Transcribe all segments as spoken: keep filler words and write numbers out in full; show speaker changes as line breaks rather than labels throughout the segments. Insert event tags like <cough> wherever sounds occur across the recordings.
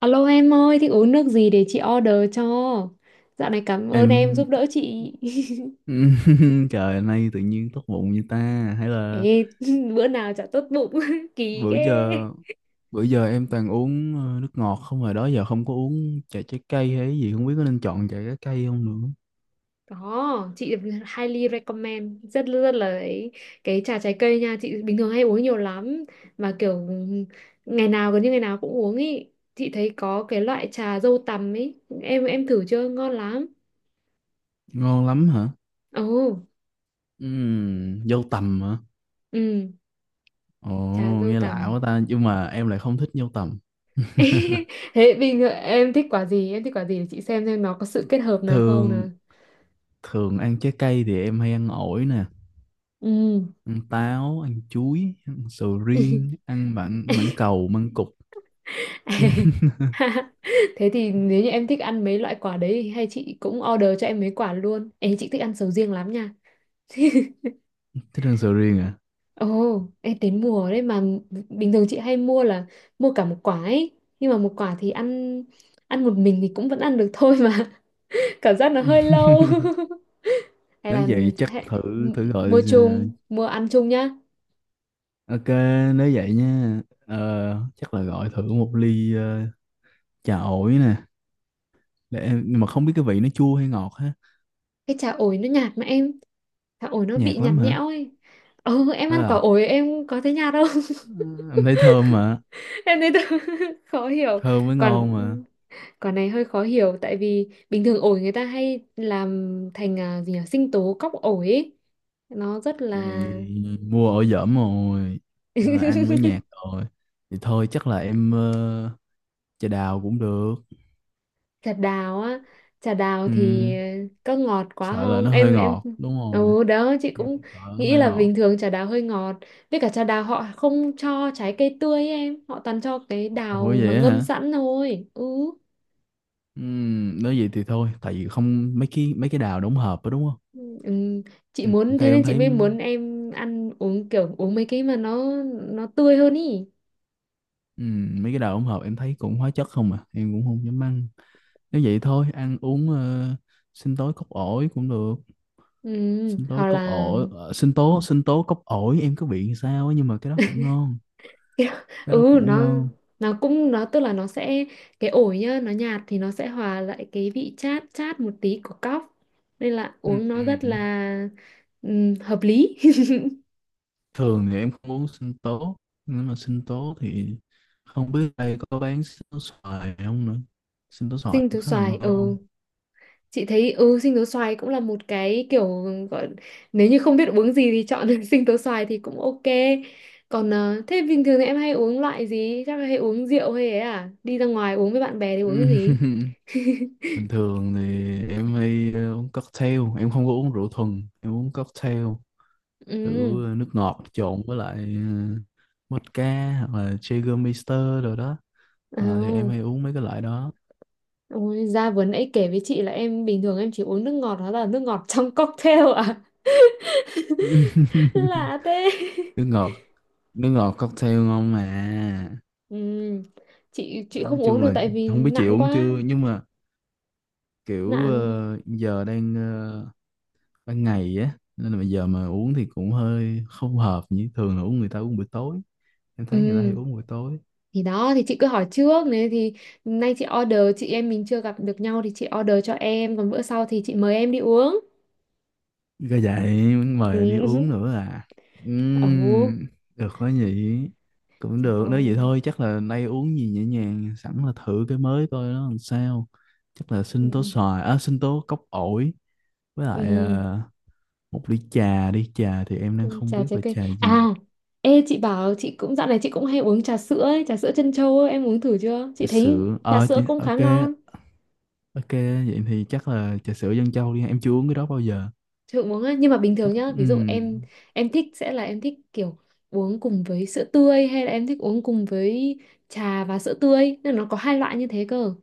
Alo em ơi, thích uống nước gì để chị order cho? Dạo này cảm ơn em
Em.
giúp đỡ chị. <laughs>
<laughs> Trời, nay tự nhiên tốt bụng như ta. Hay là,
Ê, <laughs> bữa nào chả tốt bụng, <laughs> kỳ
bữa
ghê.
giờ bữa giờ em toàn uống ờ, nước ngọt không, rồi đó giờ không có uống trà trái cây hay gì, không biết có nên chọn trà trái cây không nữa.
Có, chị highly recommend, rất rất là ấy. Cái trà trái cây nha, chị bình thường hay uống nhiều lắm. Mà kiểu ngày nào gần như ngày nào cũng uống ý. Chị thấy có cái loại trà dâu tằm ấy, em em thử chưa? Ngon lắm.
Ngon lắm hả?
Ồ,
Ừm. Dâu tằm hả?
ừ,
Ồ.
trà dâu
Nghe
tằm.
lạ quá ta, nhưng mà em lại không thích dâu tằm.
<laughs> Thế bình thường em thích quả gì? Em thích quả gì để chị xem xem nó có sự kết hợp nào không
Thường,
nào.
thường ăn trái cây thì em hay ăn ổi nè,
Ừ.
ăn táo, ăn chuối, ăn sầu riêng, ăn mãng mãng
<laughs>
cầu, măng cụt.
Thế thì nếu như em thích ăn mấy loại quả đấy thì hay chị cũng order cho em mấy quả luôn. em chị thích ăn sầu riêng lắm nha. <laughs>
Thích ăn sầu riêng à?
Ồ, em đến mùa đấy mà bình thường chị hay mua là mua cả một quả ấy. Nhưng mà một quả thì ăn ăn một mình thì cũng vẫn ăn được thôi mà. <laughs> Cảm giác nó hơi
<laughs>
lâu. <laughs> Hay
Nếu
là
vậy chắc
hay,
thử thử gọi.
mua chung, mua ăn chung nhá.
Ờ, ok, nếu vậy nha, ờ, chắc là gọi thử một ly ờ, trà ổi nè, để em- nhưng mà không biết cái vị nó chua hay ngọt ha?
Cái trà ổi nó nhạt mà em, trà ổi nó bị
Nhạt
nhạt
lắm hả?
nhẽo ấy. Ừ, em
Thế
ăn quả
à?
ổi em có thấy nhạt không?
Ừ, em thấy thơm mà.
<laughs> Em thấy tự- <laughs> khó hiểu.
Thơm mới
Còn
ngon mà.
quả này hơi khó hiểu tại vì bình thường ổi người ta hay làm thành à, gì nhỉ, sinh tố cóc ổi ấy. Nó rất
Chị này
là
mua ổi dởm rồi. Nhưng mà ăn mới
<laughs>
nhạt rồi, thì thôi chắc là em ờ, trà đào cũng được.
trà đào á, trà đào thì ờ,
Ừm.
có ngọt quá
Sợ là
không?
nó hơi
Em em
ngọt đúng không?
ừ đó chị
Em
cũng
sợ nó
nghĩ
hơi
là
ngọt.
bình thường trà đào hơi ngọt. Với cả trà đào họ không cho trái cây tươi ấy em, họ toàn cho cái
Ủa
đào mà
vậy
ngâm
hả?
sẵn thôi. Ừ,
Ừm. Nếu vậy thì thôi, tại vì không mấy cái mấy cái đào đóng hộp đó đúng không?
ừ. Chị
Ừ,
muốn
theo
thế nên
em
chị
thấy,
mới muốn em ăn uống kiểu uống mấy cái mà nó nó tươi hơn ý.
ừm, mấy cái đào đóng hộp em thấy cũng hóa chất không à, em cũng không dám ăn. Nếu vậy thôi, ăn uống ờ, sinh tố cốc ổi cũng được,
Ừ.
sinh tố
Hoặc
cốc
là
ổi, ờ, sinh tố sinh tố cốc ổi em cứ bị sao á, nhưng mà cái đó cũng ngon,
Kiểu- <laughs>
cái đó
ừ
cũng
nó
ngon.
nó cũng nó tức là nó sẽ, cái ổi nhá nó nhạt thì nó sẽ hòa lại cái vị chát chát một tí của cóc, nên là uống nó rất
Ừm.
là ừm, hợp lý.
Thường thì em không uống sinh tố, nhưng mà sinh tố thì không biết đây có bán sinh tố xoài không nữa. Sinh tố
<laughs>
xoài
Sinh
cũng
tố
khá là
xoài, ừ,
ngon.
chị thấy ừ sinh tố xoài cũng là một cái kiểu gọi, nếu như không biết uống gì thì chọn <laughs> sinh tố xoài thì cũng ok. Còn ờ, thế bình thường thì em hay uống loại gì, chắc là hay uống rượu hay ấy à, đi ra ngoài uống với bạn bè thì uống cái gì?
<laughs> Bình thường thì em hay ờ, uống cocktail, em không có uống rượu thuần, em uống cocktail kiểu ờ, nước ngọt trộn với lại ờ, vodka hoặc là Jägermeister rồi đó. Ờ, thì em
Ừ.
hay uống mấy cái loại đó.
Ôi, ra vừa nãy kể với chị là em bình thường em chỉ uống nước ngọt, đó là nước ngọt <laughs> trong cocktail à? <laughs>
<laughs>
Lạ thế.
Nước ngọt, nước ngọt cocktail ngon mà.
Ừ, chị chị
Nói
không uống
chung
được
là
tại vì
không biết chị
nặng
uống
quá.
chưa, nhưng mà kiểu
Nặng.
ờ, giờ đang ờ, ban ngày á, nên là bây giờ mà uống thì cũng hơi không hợp, như thường là uống người ta uống buổi tối. Em thấy người ta hay
Ừ,
uống buổi tối.
thì đó thì chị cứ hỏi trước này thì nay chị order, chị em mình chưa gặp được nhau thì chị order cho em, còn bữa sau thì chị mời em đi uống.
Có vậy muốn
Ừ.
mời anh đi uống
<laughs>
nữa à?
Ồ,
Ừm. Được quá nhỉ. Cũng
trời
được, nếu vậy
ơi
thôi chắc là nay uống gì nhẹ nhàng, sẵn là thử cái mới coi nó làm sao. Chắc là
ừ.
sinh tố xoài à, sinh tố cốc ổi với lại
Ừ.
ờ, một ly trà đi. Trà thì em đang không
Trà
biết
trái
là
cây
trà
à,
gì.
ê chị bảo, chị cũng dạo này chị cũng hay uống trà sữa ấy, trà sữa trân châu ấy, em uống thử chưa chị
Trà
thấy
sữa,
trà
ờ
sữa
chị-
cũng khá
ok.
ngon.
Ok, vậy thì chắc là trà sữa dân châu đi, em chưa uống cái đó bao giờ.
Chị cũng uống ấy. Nhưng mà bình
Chắc.
thường nhá,
Ừ.
ví dụ em em thích sẽ là em thích kiểu uống cùng với sữa tươi hay là em thích uống cùng với trà và sữa tươi, nên nó có hai loại như thế cơ.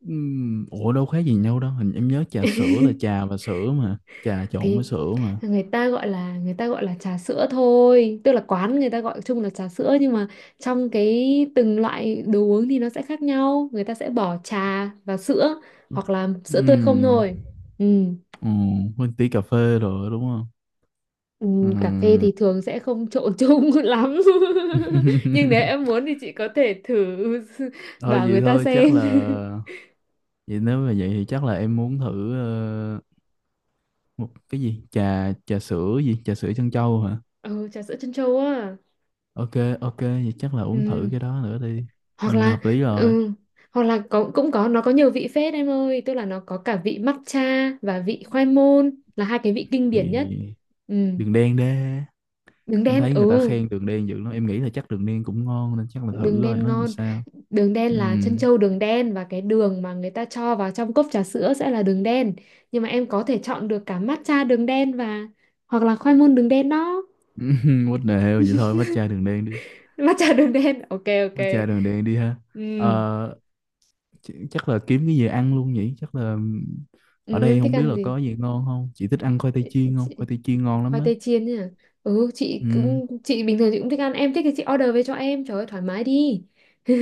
Ừm. Ủa đâu khác gì nhau đâu. Hình em nhớ trà sữa là trà và sữa mà. Trà trộn
Thì
với sữa mà.
người ta gọi là người ta gọi là trà sữa thôi, tức là quán người ta gọi chung là trà sữa nhưng mà trong cái từng loại đồ uống thì nó sẽ khác nhau, người ta sẽ bỏ trà và sữa hoặc là sữa tươi không
Ừm.
thôi. Ừ.
Ừ, quên tí cà phê rồi đúng không?
Ừ, cà phê
Ừm.
thì thường sẽ không trộn chung <laughs> lắm, nhưng nếu em
<laughs>
muốn thì chị có thể thử <laughs>
Thôi
bảo
vậy
người ta
thôi, chắc
xem.
là. Vậy nếu mà vậy thì chắc là em muốn thử ờ, một cái gì. Trà trà sữa gì? Trà sữa trân châu hả?
<laughs> Ừ, trà sữa trân châu á.
Ok, ok vậy chắc là uống thử
Ừ.
cái đó nữa đi.
Hoặc
Ừ,
là
hợp lý rồi.
ừ, hoặc là có cũng có nó có nhiều vị phết em ơi, tức là nó có cả vị matcha và vị khoai môn là hai cái vị kinh điển
Thì
nhất. Ừ.
đường đen đê,
Đường
em
đen,
thấy người ta
ừ,
khen đường đen dữ lắm, em nghĩ là chắc đường đen cũng ngon, nên chắc là thử
đường
rồi
đen
nó làm
ngon.
sao.
Đường đen là trân
Ừm.
châu đường đen, và cái đường mà người ta cho vào trong cốc trà sữa sẽ là đường đen, nhưng mà em có thể chọn được cả matcha đường đen và hoặc là khoai môn đường đen đó.
<laughs> What the hell, vậy thôi matcha đường đen đi.
<laughs> Matcha đường đen, ok ok.
Matcha đường đen đi ha.
Ừ.
Ờ, ch- chắc là kiếm cái gì ăn luôn nhỉ, chắc là. Ở
Ừ
đây
em thích
không biết
ăn
là
gì
có gì ngon không. Chị thích ăn khoai tây chiên không?
chị?
Khoai tây chiên ngon lắm
Khoai
á.
tây chiên nhỉ. Ừ chị
Ừm.
cũng chị bình thường chị cũng thích ăn, em thích thì chị order về cho em, trời ơi thoải mái đi. <laughs>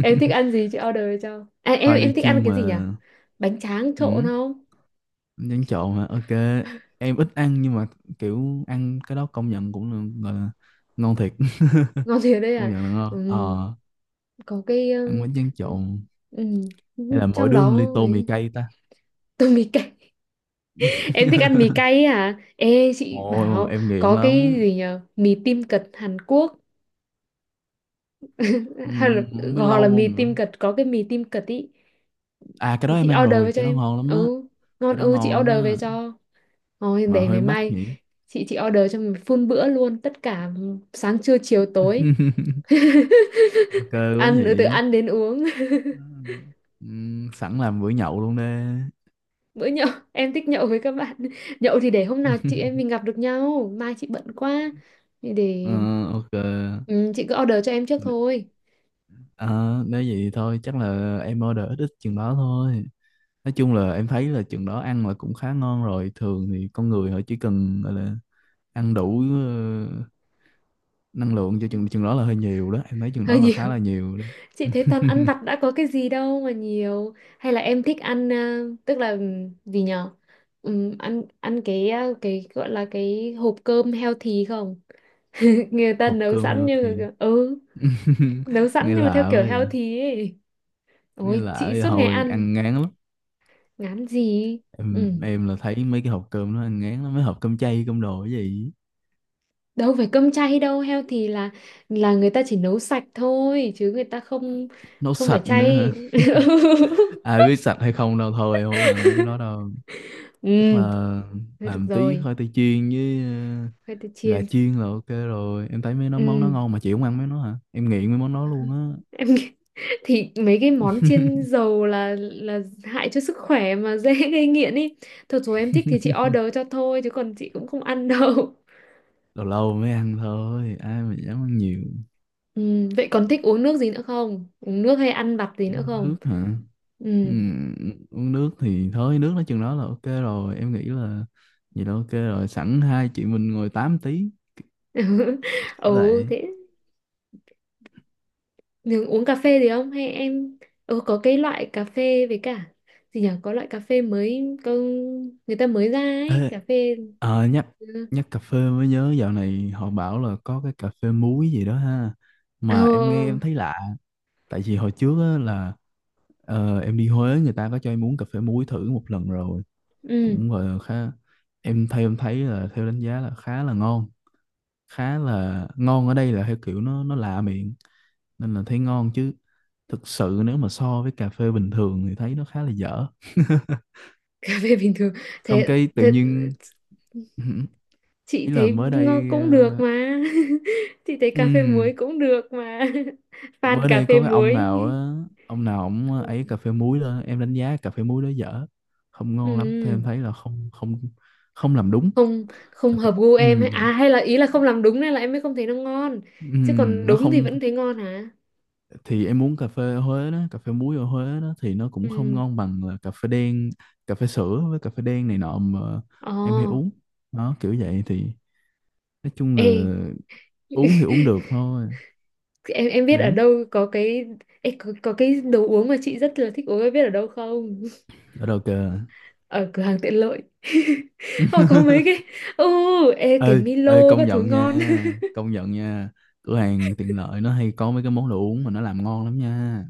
Em thích ăn gì chị order về cho, à, em
Khoai tây
em thích ăn
chiên
cái
mà.
gì nhỉ? Bánh tráng trộn
Ừm.
không?
Nhắn trộn mà, ok. Em ít ăn, nhưng mà kiểu ăn cái đó công nhận cũng là, gọi là ngon thiệt. <laughs>
Ngon thiệt đấy
Công
à?
nhận là ngon
Ừm,
ờ.
có cái
Ăn
ừm,
bánh tráng trộn.
ừm,
Hay là mỗi
trong
đứa một ly,
đó
tô mì
ấy,
cay ta?
<laughs> tôi mì cay. <laughs> Em thích ăn mì
<laughs>
cay ấy à, ê chị
Ồ,
bảo,
em nghiện
có cái
lắm.
gì nhỉ, mì tim cật Hàn Quốc. <laughs> Hay là,
Ừm. Không biết
hoặc là
lâu
mì
không nữa.
tim cật, có cái mì tim cật ý
À, cái đó
thì
em
chị
ăn
order về
rồi,
cho
cái đó
em.
ngon lắm á.
Ừ ngon,
Cái đó
ừ chị
ngon lắm
order về
á,
cho. Rồi
mà
để
hơi
ngày
mắc
mai
nhỉ.
chị chị order cho mình full bữa luôn, tất cả sáng trưa chiều tối.
<laughs> Ok
<laughs>
quá
Ăn, ừ, từ
nhỉ.
ăn đến uống.
Ừm. Sẵn làm bữa nhậu luôn đi.
<laughs> Bữa nhậu, em thích nhậu với các bạn, nhậu thì để hôm nào chị em mình
<laughs>
gặp được nhau, mai chị bận quá thì
Ờ,
để,
ok.
ừ, chị cứ order cho em trước thôi.
À, nếu vậy thôi chắc là em order ít ít chừng đó thôi. Nói chung là em thấy là chừng đó ăn là cũng khá ngon rồi. Thường thì con người họ chỉ cần gọi là ăn đủ ờ, năng lượng cho chừng
Ừ.
chừng đó là hơi nhiều đó, em thấy chừng đó
Hơi
là
nhiều.
khá là nhiều đó.
Chị thấy toàn ăn vặt
<laughs>
đã, có cái gì đâu mà nhiều. Hay là em thích ăn à, tức là ừm, gì nhở? Ừm, ăn ăn cái à, cái gọi là cái hộp cơm healthy không? <laughs> Người ta
Học
nấu
cơm
sẵn như
healthy.
ừ,
<laughs>
nấu sẵn
Nghe
nhưng mà theo
lạ quá
kiểu
vậy.
healthy ấy.
Nghe
Ôi,
lạ
chị
vậy,
suốt ngày
hồi
ăn,
ăn ngán lắm.
ngán gì? Ừ.
Em, em là thấy mấy cái hộp cơm nó ăn ngán lắm, mấy hộp cơm chay cơm đồ cái gì.
Đâu phải cơm chay đâu, healthy là là người ta chỉ nấu sạch thôi, chứ người ta không,
Nấu
không phải
sạch nữa hả?
chay. <laughs>
Ai biết sạch hay không đâu, thôi không ăn mấy cái đó đâu. Chắc
Ừ,
là
thôi được
làm tí
rồi,
khoai tây chiên với
khoai tây
ờ, gà
chiên.
chiên là ok rồi. Em thấy mấy nó món nó
Ừ.
ngon mà chị không ăn mấy nó hả? Em nghiện mấy món đó luôn á.
em nghĩ- <laughs> thì mấy cái món chiên dầu là là hại cho sức khỏe mà, <laughs> dễ gây nghiện ý, thật rồi, em thích thì chị order cho thôi chứ còn chị cũng không ăn <laughs> đâu.
Lâu lâu mới ăn thôi, ai mà dám ăn nhiều.
Ừ, vậy còn thích uống nước gì nữa không, uống nước hay ăn vặt gì nữa
Uống
không?
nước hả?
Ừ.
Ừm. Uống nước thì thôi, nước nói chừng đó là ok rồi, em nghĩ là. Vậy là ok rồi, sẵn hai chị mình ngồi tám tí,
<laughs>
kiểu
Ừ
vậy.
thế, nhưng uống cà phê gì không hay em? Ừ có cái loại cà phê với cả gì nhỉ, có loại cà phê mới có, người ta mới ra ấy
Ê,
cà phê.
ờ, nhắc
Ừ.
nhắc cà phê mới nhớ dạo này họ bảo là có cái cà phê muối gì đó ha.
Ờ,
Mà em nghe em thấy lạ. Tại vì hồi trước á, là ờ, em đi Huế người ta có cho em uống cà phê muối thử một lần rồi.
ừ.
Cũng gọi là khá. Em, theo em thấy là theo đánh giá là khá là ngon. Khá là ngon ở đây là theo kiểu nó nó lạ miệng, nên là thấy ngon chứ. Thực sự nếu mà so với cà phê bình thường thì thấy nó khá là dở. <laughs>
<laughs> Cà phê bình thường,
Xong
thế,
cái tự
thế
nhiên. <laughs>
chị
Ý là
thấy
mới
ngon
đây,
cũng được
ờ,
mà. <laughs> Chị thấy cà phê muối
ừm,
cũng được mà. <laughs> Fan
mới
cà
đây
phê
có cái ông
muối.
nào á. Ông nào ổng ấy cà
Ừ.
phê muối lên, em đánh giá cà phê muối đó dở, không ngon lắm,
Ừ.
thêm thấy là không, không. Không làm đúng.
không
Cà
không
phê-
hợp gu em ấy
ừm,
à, hay là ý là không làm đúng nên là em mới không thấy nó ngon, chứ còn
ừm, nó
đúng thì
không.
vẫn thấy ngon hả?
Thì em uống cà phê ở Huế đó, cà phê muối ở Huế đó thì nó cũng không
Ừ,
ngon bằng là cà phê đen, cà phê sữa với cà phê đen này nọ mà
ồ,
em hay uống. Đó kiểu vậy thì, nói chung là
ê.
uống thì
<laughs>
uống được thôi.
em em biết ở
Ừ,
đâu có cái, ê, có, có cái đồ uống mà chị rất là thích uống em biết ở đâu không?
ở đâu kìa.
<laughs> Ở cửa hàng tiện lợi, <laughs> họ có mấy cái, ừ, ê cái
Ê, ê,
Milo
công
các thứ
nhận
ngon.
nha, công nhận nha. Cửa hàng tiện lợi nó hay có mấy cái món đồ uống mà nó làm ngon lắm nha.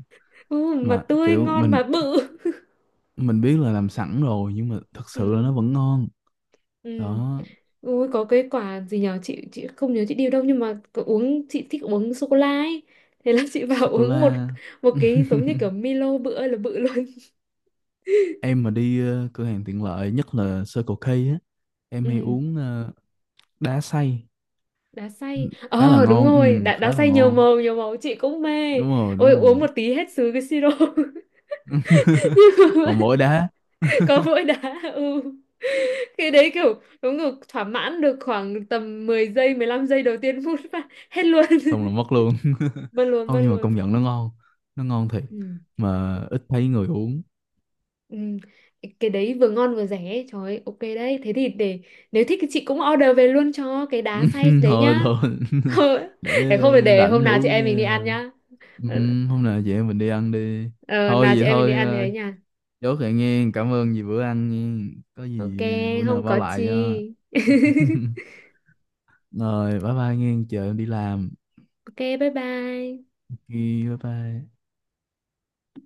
Ừ, mà
Mà
tươi
kiểu
ngon
mình
mà bự.
mình biết là làm sẵn rồi, nhưng mà thật sự là
Ừ.
nó vẫn ngon.
Ừ.
Đó,
Ui, có cái quả gì nhở chị chị không nhớ chị điều đâu, nhưng mà có uống, chị thích uống sô cô la ấy, thế là chị vào <laughs>
sô cô
uống một,
la.
một cái giống như kiểu
<laughs>
Milo bự ơi là bự luôn.
Em mà đi ờ, cửa hàng tiện lợi, nhất là Circle K á, em hay
Ừ.
uống ờ, đá xay.
Đá xay,
Khá là
ờ đúng
ngon.
rồi,
Ừ,
đá, đá
khá là
xay nhiều
ngon.
màu nhiều màu chị cũng mê.
Đúng rồi,
Ôi
đúng
uống
rồi.
một tí hết sứ cái siro, <laughs>
<laughs>
nhưng mà
Còn mỗi đá.
có mỗi đá, ừ, cái đấy kiểu đúng kiểu thỏa mãn được khoảng tầm mười giây mười lăm giây đầu tiên, <laughs> phút và hết luôn.
Xong
<laughs>
là mất luôn. <laughs>
Mất luôn
Không,
mất
nhưng mà công
luôn.
nhận nó ngon, nó ngon thiệt.
Ừ.
Mà ít thấy người uống.
Ừ. Cái đấy vừa ngon vừa rẻ ấy. Trời ơi, ok đấy, thế thì để, nếu thích thì chị cũng order về luôn cho cái đá
<laughs>
xay đấy
Thôi,
nhá.
thôi.
<laughs>
<laughs>
Để không phải
Để
để hôm
rảnh
nào chị
uống
em mình đi
nha.
ăn nhá.
Ừ,
Ờ,
hôm nào vậy mình đi ăn đi.
ờ, nào
Thôi
chị
vậy
em mình đi
thôi,
ăn thì
ờ,
ấy nha.
chốt lại nghe. Cảm ơn vì bữa ăn nghe. Có
Ok,
gì, ờ, bữa nào
không
bao
có chi.
lại cho.
<laughs>
Rồi, bye bye nghe, chờ em đi làm.
Ok bye bye.
Ok, bye bye.